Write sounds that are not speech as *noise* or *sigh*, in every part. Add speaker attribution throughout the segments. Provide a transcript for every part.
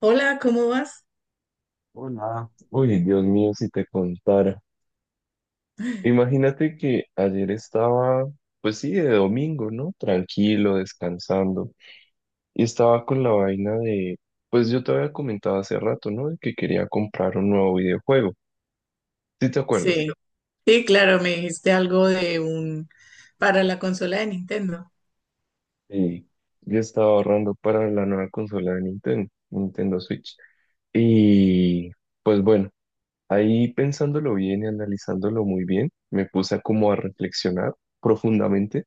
Speaker 1: Hola, ¿cómo vas?
Speaker 2: Hola. Uy, Dios mío, si te contara. Imagínate que ayer estaba, pues sí, de domingo, ¿no? Tranquilo, descansando. Y estaba con la vaina de, pues yo te había comentado hace rato, ¿no? De que quería comprar un nuevo videojuego. ¿Sí te
Speaker 1: Sí,
Speaker 2: acuerdas?
Speaker 1: sí, claro, me dijiste algo de un para la consola de Nintendo.
Speaker 2: Sí. Yo estaba ahorrando para la nueva consola de Nintendo, Nintendo Switch. Y pues bueno, ahí pensándolo bien y analizándolo muy bien, me puse como a reflexionar profundamente.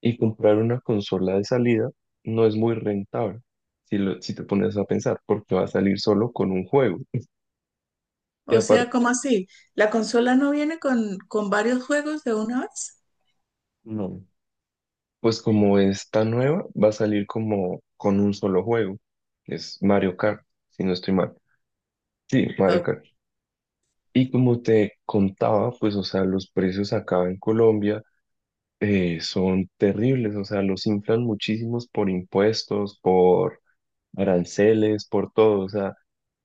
Speaker 2: Y comprar una consola de salida no es muy rentable, si, si te pones a pensar, porque va a salir solo con un juego. Y
Speaker 1: O sea,
Speaker 2: aparte,
Speaker 1: ¿cómo así? ¿La consola no viene con varios juegos de una vez?
Speaker 2: no, pues como es tan nueva, va a salir como con un solo juego, que es Mario Kart, si no estoy mal. Sí, Mario
Speaker 1: Ok.
Speaker 2: Kart. Y como te contaba, pues, o sea, los precios acá en Colombia son terribles, o sea, los inflan muchísimos por impuestos, por aranceles, por todo, o sea.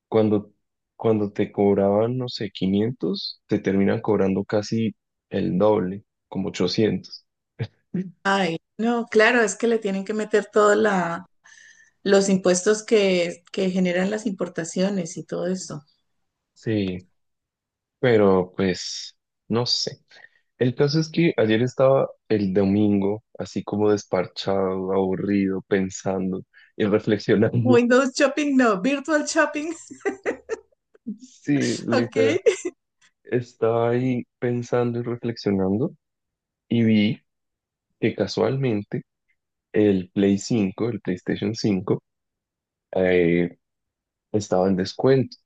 Speaker 2: Cuando, cuando te cobraban, no sé, 500 te terminan cobrando casi el doble, como 800.
Speaker 1: Ay, no, claro, es que le tienen que meter todos la, los impuestos que generan las importaciones y todo eso.
Speaker 2: Sí, pero pues, no sé. El caso es que ayer estaba el domingo, así como desparchado, aburrido, pensando y reflexionando. *laughs*
Speaker 1: Windows Shopping, no, Virtual Shopping.
Speaker 2: Sí,
Speaker 1: *laughs*
Speaker 2: literal.
Speaker 1: Ok.
Speaker 2: Estaba ahí pensando y reflexionando y vi que casualmente el PlayStation 5 eh, estaba en descuento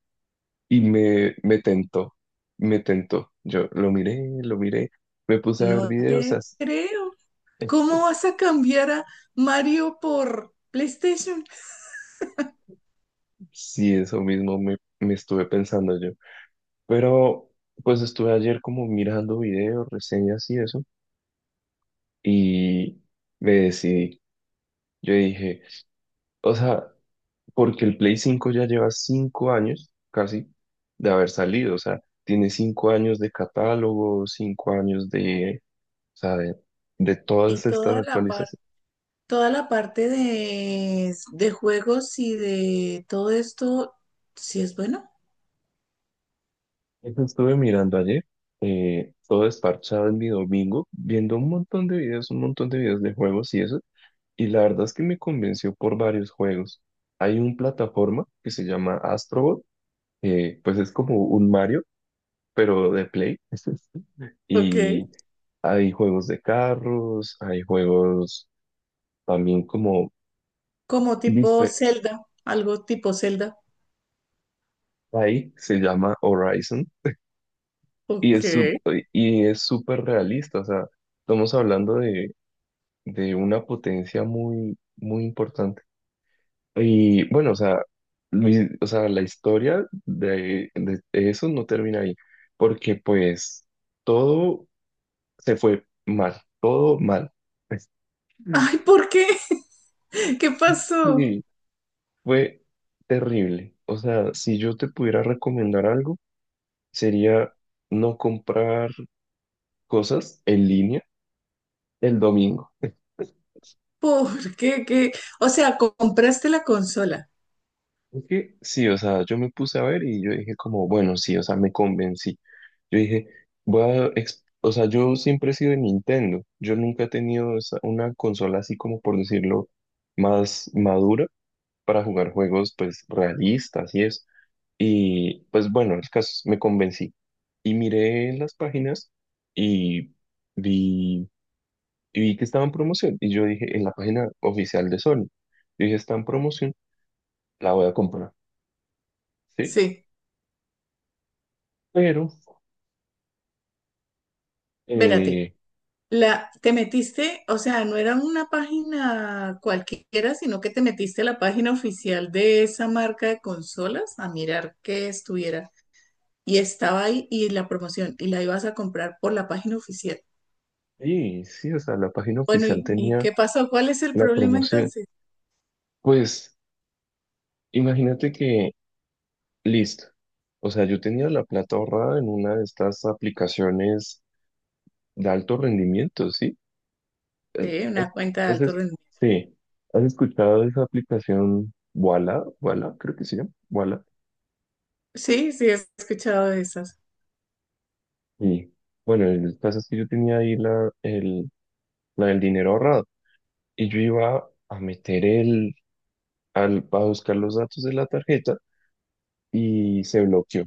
Speaker 2: y me tentó, me tentó. Yo lo miré, me puse a ver
Speaker 1: No
Speaker 2: videos,
Speaker 1: te creo.
Speaker 2: es-
Speaker 1: ¿Cómo
Speaker 2: es-
Speaker 1: vas a cambiar a Mario por PlayStation?
Speaker 2: sí, eso mismo me estuve pensando yo. Pero pues estuve ayer como mirando videos, reseñas y eso, y me decidí. Yo dije, o sea, porque el Play cinco ya lleva 5 años casi de haber salido, o sea, tiene 5 años de catálogo, 5 años de, o sea, de
Speaker 1: Y
Speaker 2: todas estas
Speaker 1: toda la parte.
Speaker 2: actualizaciones.
Speaker 1: Toda la parte de juegos y de todo esto, sí es bueno.
Speaker 2: Eso estuve mirando ayer, todo desparchado en mi domingo, viendo un montón de videos, un montón de videos de juegos y eso, y la verdad es que me convenció por varios juegos. Hay una plataforma que se llama Astrobot, que pues es como un Mario, pero de Play,
Speaker 1: Ok.
Speaker 2: y hay juegos de carros, hay juegos también como
Speaker 1: Como tipo
Speaker 2: dife-
Speaker 1: Zelda, algo tipo Zelda.
Speaker 2: ahí se llama Horizon, y
Speaker 1: Ok.
Speaker 2: es, y es súper realista, o sea, estamos hablando de una potencia muy, muy importante. Y bueno, o sea, o sea, la historia de eso no termina ahí, porque pues todo se fue mal, todo mal. Es- Mm.
Speaker 1: Ay, ¿por qué? *laughs* ¿Qué pasó?
Speaker 2: Sí, fue terrible. O sea, si yo te pudiera recomendar algo, sería no comprar cosas en línea el domingo.
Speaker 1: ¿Por qué? ¿Qué? O sea, compraste la consola.
Speaker 2: Sí, o sea, yo me puse a ver y yo dije como, bueno, sí, o sea, me convencí. Yo dije, voy a, o sea, yo siempre he sido de Nintendo. Yo nunca he tenido una consola así como, por decirlo, más madura para jugar juegos, pues, realistas y eso. Y, pues, bueno, el caso, es, me convencí. Y miré las páginas y vi, y vi que estaba en promoción. Y yo dije, en la página oficial de Sony, yo dije, está en promoción, la voy a comprar, ¿sí?
Speaker 1: Sí,
Speaker 2: Pero...
Speaker 1: vérate.
Speaker 2: Eh,
Speaker 1: La, te metiste, o sea, no era una página cualquiera, sino que te metiste a la página oficial de esa marca de consolas a mirar qué estuviera. Y estaba ahí y la promoción y la ibas a comprar por la página oficial.
Speaker 2: y sí, o sea, la página
Speaker 1: Bueno,
Speaker 2: oficial
Speaker 1: y
Speaker 2: tenía
Speaker 1: qué pasó? ¿Cuál es el
Speaker 2: la
Speaker 1: problema
Speaker 2: promoción.
Speaker 1: entonces?
Speaker 2: Pues imagínate que, listo. O sea, yo tenía la plata ahorrada en una de estas aplicaciones de alto rendimiento, ¿sí? Eh,
Speaker 1: Sí, una
Speaker 2: ¿Has,
Speaker 1: cuenta de
Speaker 2: has
Speaker 1: alto
Speaker 2: es-
Speaker 1: rendimiento.
Speaker 2: sí, ¿has escuchado de esa aplicación Wala? Wala, creo que sí, Wala.
Speaker 1: Sí, sí, he escuchado de esas.
Speaker 2: Y bueno, el caso es que yo tenía ahí la del dinero ahorrado y yo iba a meter a buscar los datos de la tarjeta y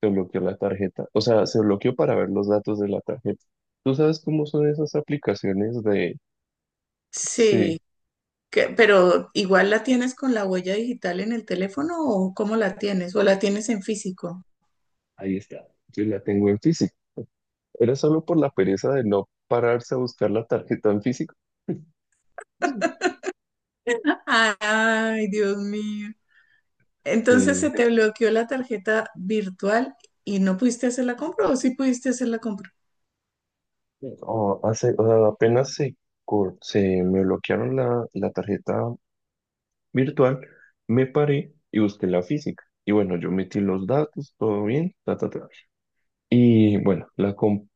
Speaker 2: se bloqueó la tarjeta. O sea, se bloqueó para ver los datos de la tarjeta. ¿Tú sabes cómo son esas aplicaciones de...
Speaker 1: Sí,
Speaker 2: Sí,
Speaker 1: pero igual la tienes con la huella digital en el teléfono o cómo la tienes o la tienes en físico.
Speaker 2: ahí está. Yo la tengo en físico. Era solo por la pereza de no pararse a buscar la tarjeta en físico.
Speaker 1: Ay, Dios mío. Entonces, se
Speaker 2: Sí.
Speaker 1: te bloqueó la tarjeta virtual y no pudiste hacer la compra o sí pudiste hacer la compra.
Speaker 2: O sea, apenas se me bloquearon la tarjeta virtual, me paré y busqué la física. Y bueno, yo metí los datos, todo bien, ta, ta, ta. Y bueno, compré.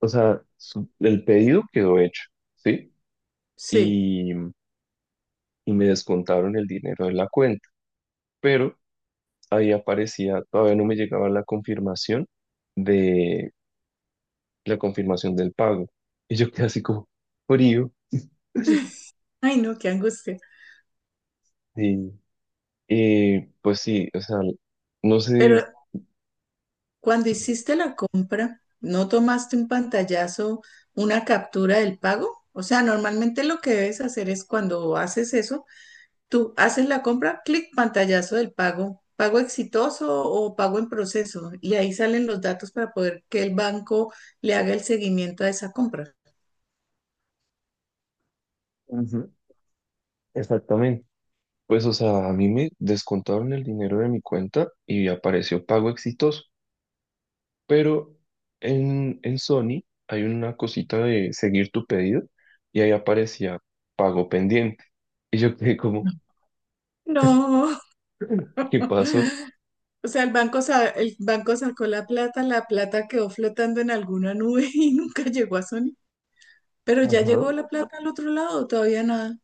Speaker 2: O sea, el pedido quedó hecho, ¿sí?
Speaker 1: Sí.
Speaker 2: Y, y me descontaron el dinero de la cuenta, pero ahí aparecía, todavía no me llegaba la confirmación de la confirmación del pago. Y yo quedé así como frío.
Speaker 1: Ay, no, qué angustia.
Speaker 2: Y, pues sí, o sea, no sé.
Speaker 1: Pero cuando hiciste la compra, ¿no tomaste un pantallazo, una captura del pago? O sea, normalmente lo que debes hacer es cuando haces eso, tú haces la compra, clic, pantallazo del pago, pago exitoso o pago en proceso, y ahí salen los datos para poder que el banco le haga el seguimiento a esa compra.
Speaker 2: Ujú. Exactamente. Pues o sea, a mí me descontaron el dinero de mi cuenta y apareció pago exitoso. Pero en Sony hay una cosita de seguir tu pedido y ahí aparecía pago pendiente. *laughs* Y yo quedé como,
Speaker 1: No,
Speaker 2: ¿qué pasó?
Speaker 1: o sea, el banco, el banco sacó la plata quedó flotando en alguna nube *laughs* y nunca llegó a Sony, pero ya
Speaker 2: Ajá.
Speaker 1: llegó la plata al otro lado, todavía nada.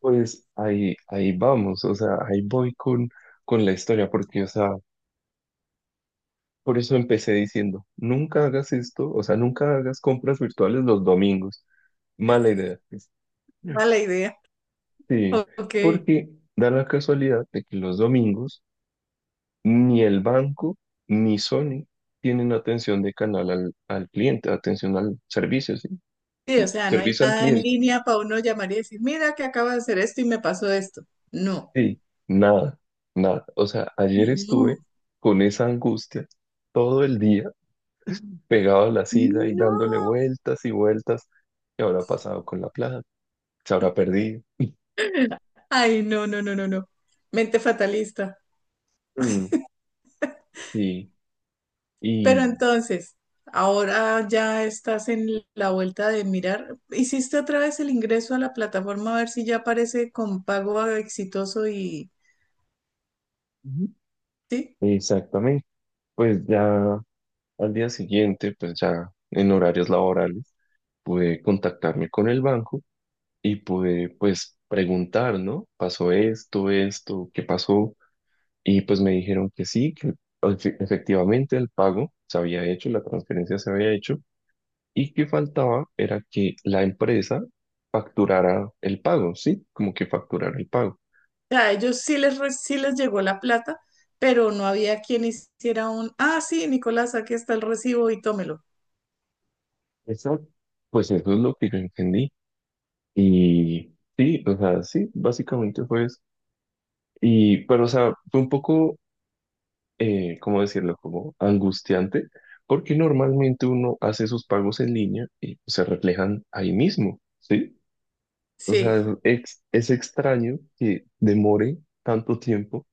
Speaker 2: Pues ahí vamos, o sea, ahí voy con la historia, porque, o sea, por eso empecé diciendo, nunca hagas esto, o sea, nunca hagas compras virtuales los domingos. Mala idea. *laughs*
Speaker 1: Mala idea.
Speaker 2: Sí,
Speaker 1: Ok, sí,
Speaker 2: porque da la casualidad de que los domingos ni el banco ni Sony tienen atención de canal al cliente, atención al servicio, ¿sí?
Speaker 1: o
Speaker 2: Sí,
Speaker 1: sea, no hay
Speaker 2: servicio al
Speaker 1: nada en
Speaker 2: cliente.
Speaker 1: línea para uno llamar y decir, mira que acabo de hacer esto y me pasó esto. No,
Speaker 2: Sí, nada, nada. O sea, ayer estuve
Speaker 1: no,
Speaker 2: con esa angustia todo el día pegado a la silla y dándole
Speaker 1: no.
Speaker 2: vueltas y vueltas. ¿Qué habrá pasado con la plata? ¿Se habrá perdido?
Speaker 1: Ay, no, no, no, no, no. Mente fatalista.
Speaker 2: Mm, sí,
Speaker 1: Pero
Speaker 2: y
Speaker 1: entonces, ahora ya estás en la vuelta de mirar. Hiciste otra vez el ingreso a la plataforma a ver si ya aparece con pago exitoso y
Speaker 2: Ujú.
Speaker 1: sí.
Speaker 2: Exactamente. Pues ya al día siguiente, pues ya en horarios laborales, pude contactarme con el banco y pude pues preguntar, ¿no? ¿Pasó esto, esto, qué pasó? Y pues me dijeron que sí, que efectivamente el pago se había hecho, la transferencia se había hecho y que faltaba era que la empresa facturara el pago, ¿sí? Como que facturara el pago.
Speaker 1: O sea, a ellos sí les, sí les llegó la plata, pero no había quien hiciera un, ah, sí, Nicolás, aquí está el recibo y tómelo.
Speaker 2: Exacto. Pues eso es lo que yo entendí. Y sí, o sea, sí, básicamente fue eso. Pero, o sea, fue un poco ¿cómo decirlo? Como angustiante, porque normalmente uno hace sus pagos en línea y se reflejan ahí mismo, ¿sí? O sea,
Speaker 1: Sí.
Speaker 2: es, es extraño que demore tanto tiempo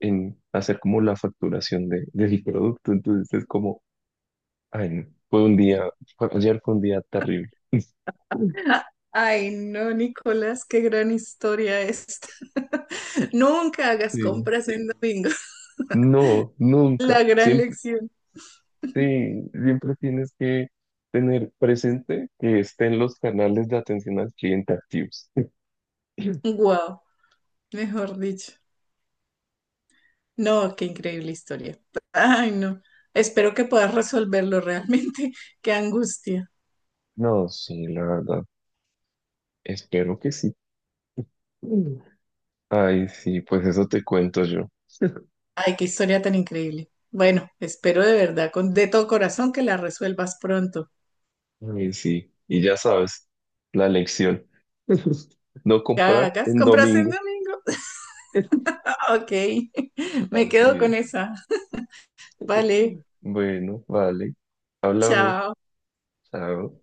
Speaker 2: en hacer como la facturación del producto, entonces es como, ay, no, fue un día, ayer fue un día terrible. *laughs*
Speaker 1: Ah, ay, no, Nicolás, qué gran historia esta. *laughs* Nunca hagas
Speaker 2: Sí.
Speaker 1: compras en domingo. *laughs*
Speaker 2: No, nunca.
Speaker 1: La gran
Speaker 2: Siempre,
Speaker 1: lección.
Speaker 2: sí, siempre tienes que tener presente que estén los canales de atención al cliente activos.
Speaker 1: Wow, mejor dicho. No, qué increíble historia. Ay, no. Espero que puedas resolverlo realmente. *laughs* Qué angustia.
Speaker 2: No, sí, la verdad. Espero que sí. Mm. Ay, sí, pues eso te cuento yo. *laughs*
Speaker 1: Ay, qué historia tan increíble. Bueno, espero de verdad, con de todo corazón, que la resuelvas pronto.
Speaker 2: Ay, sí. Y ya sabes, la lección. *laughs* No
Speaker 1: Que
Speaker 2: comprar
Speaker 1: hagas
Speaker 2: en
Speaker 1: compras en
Speaker 2: domingo.
Speaker 1: domingo. *laughs*
Speaker 2: *laughs*
Speaker 1: Ok, *laughs* me
Speaker 2: Así
Speaker 1: quedo
Speaker 2: es.
Speaker 1: con esa. Vale,
Speaker 2: Bueno, vale. Hablamos.
Speaker 1: chao.
Speaker 2: Chao.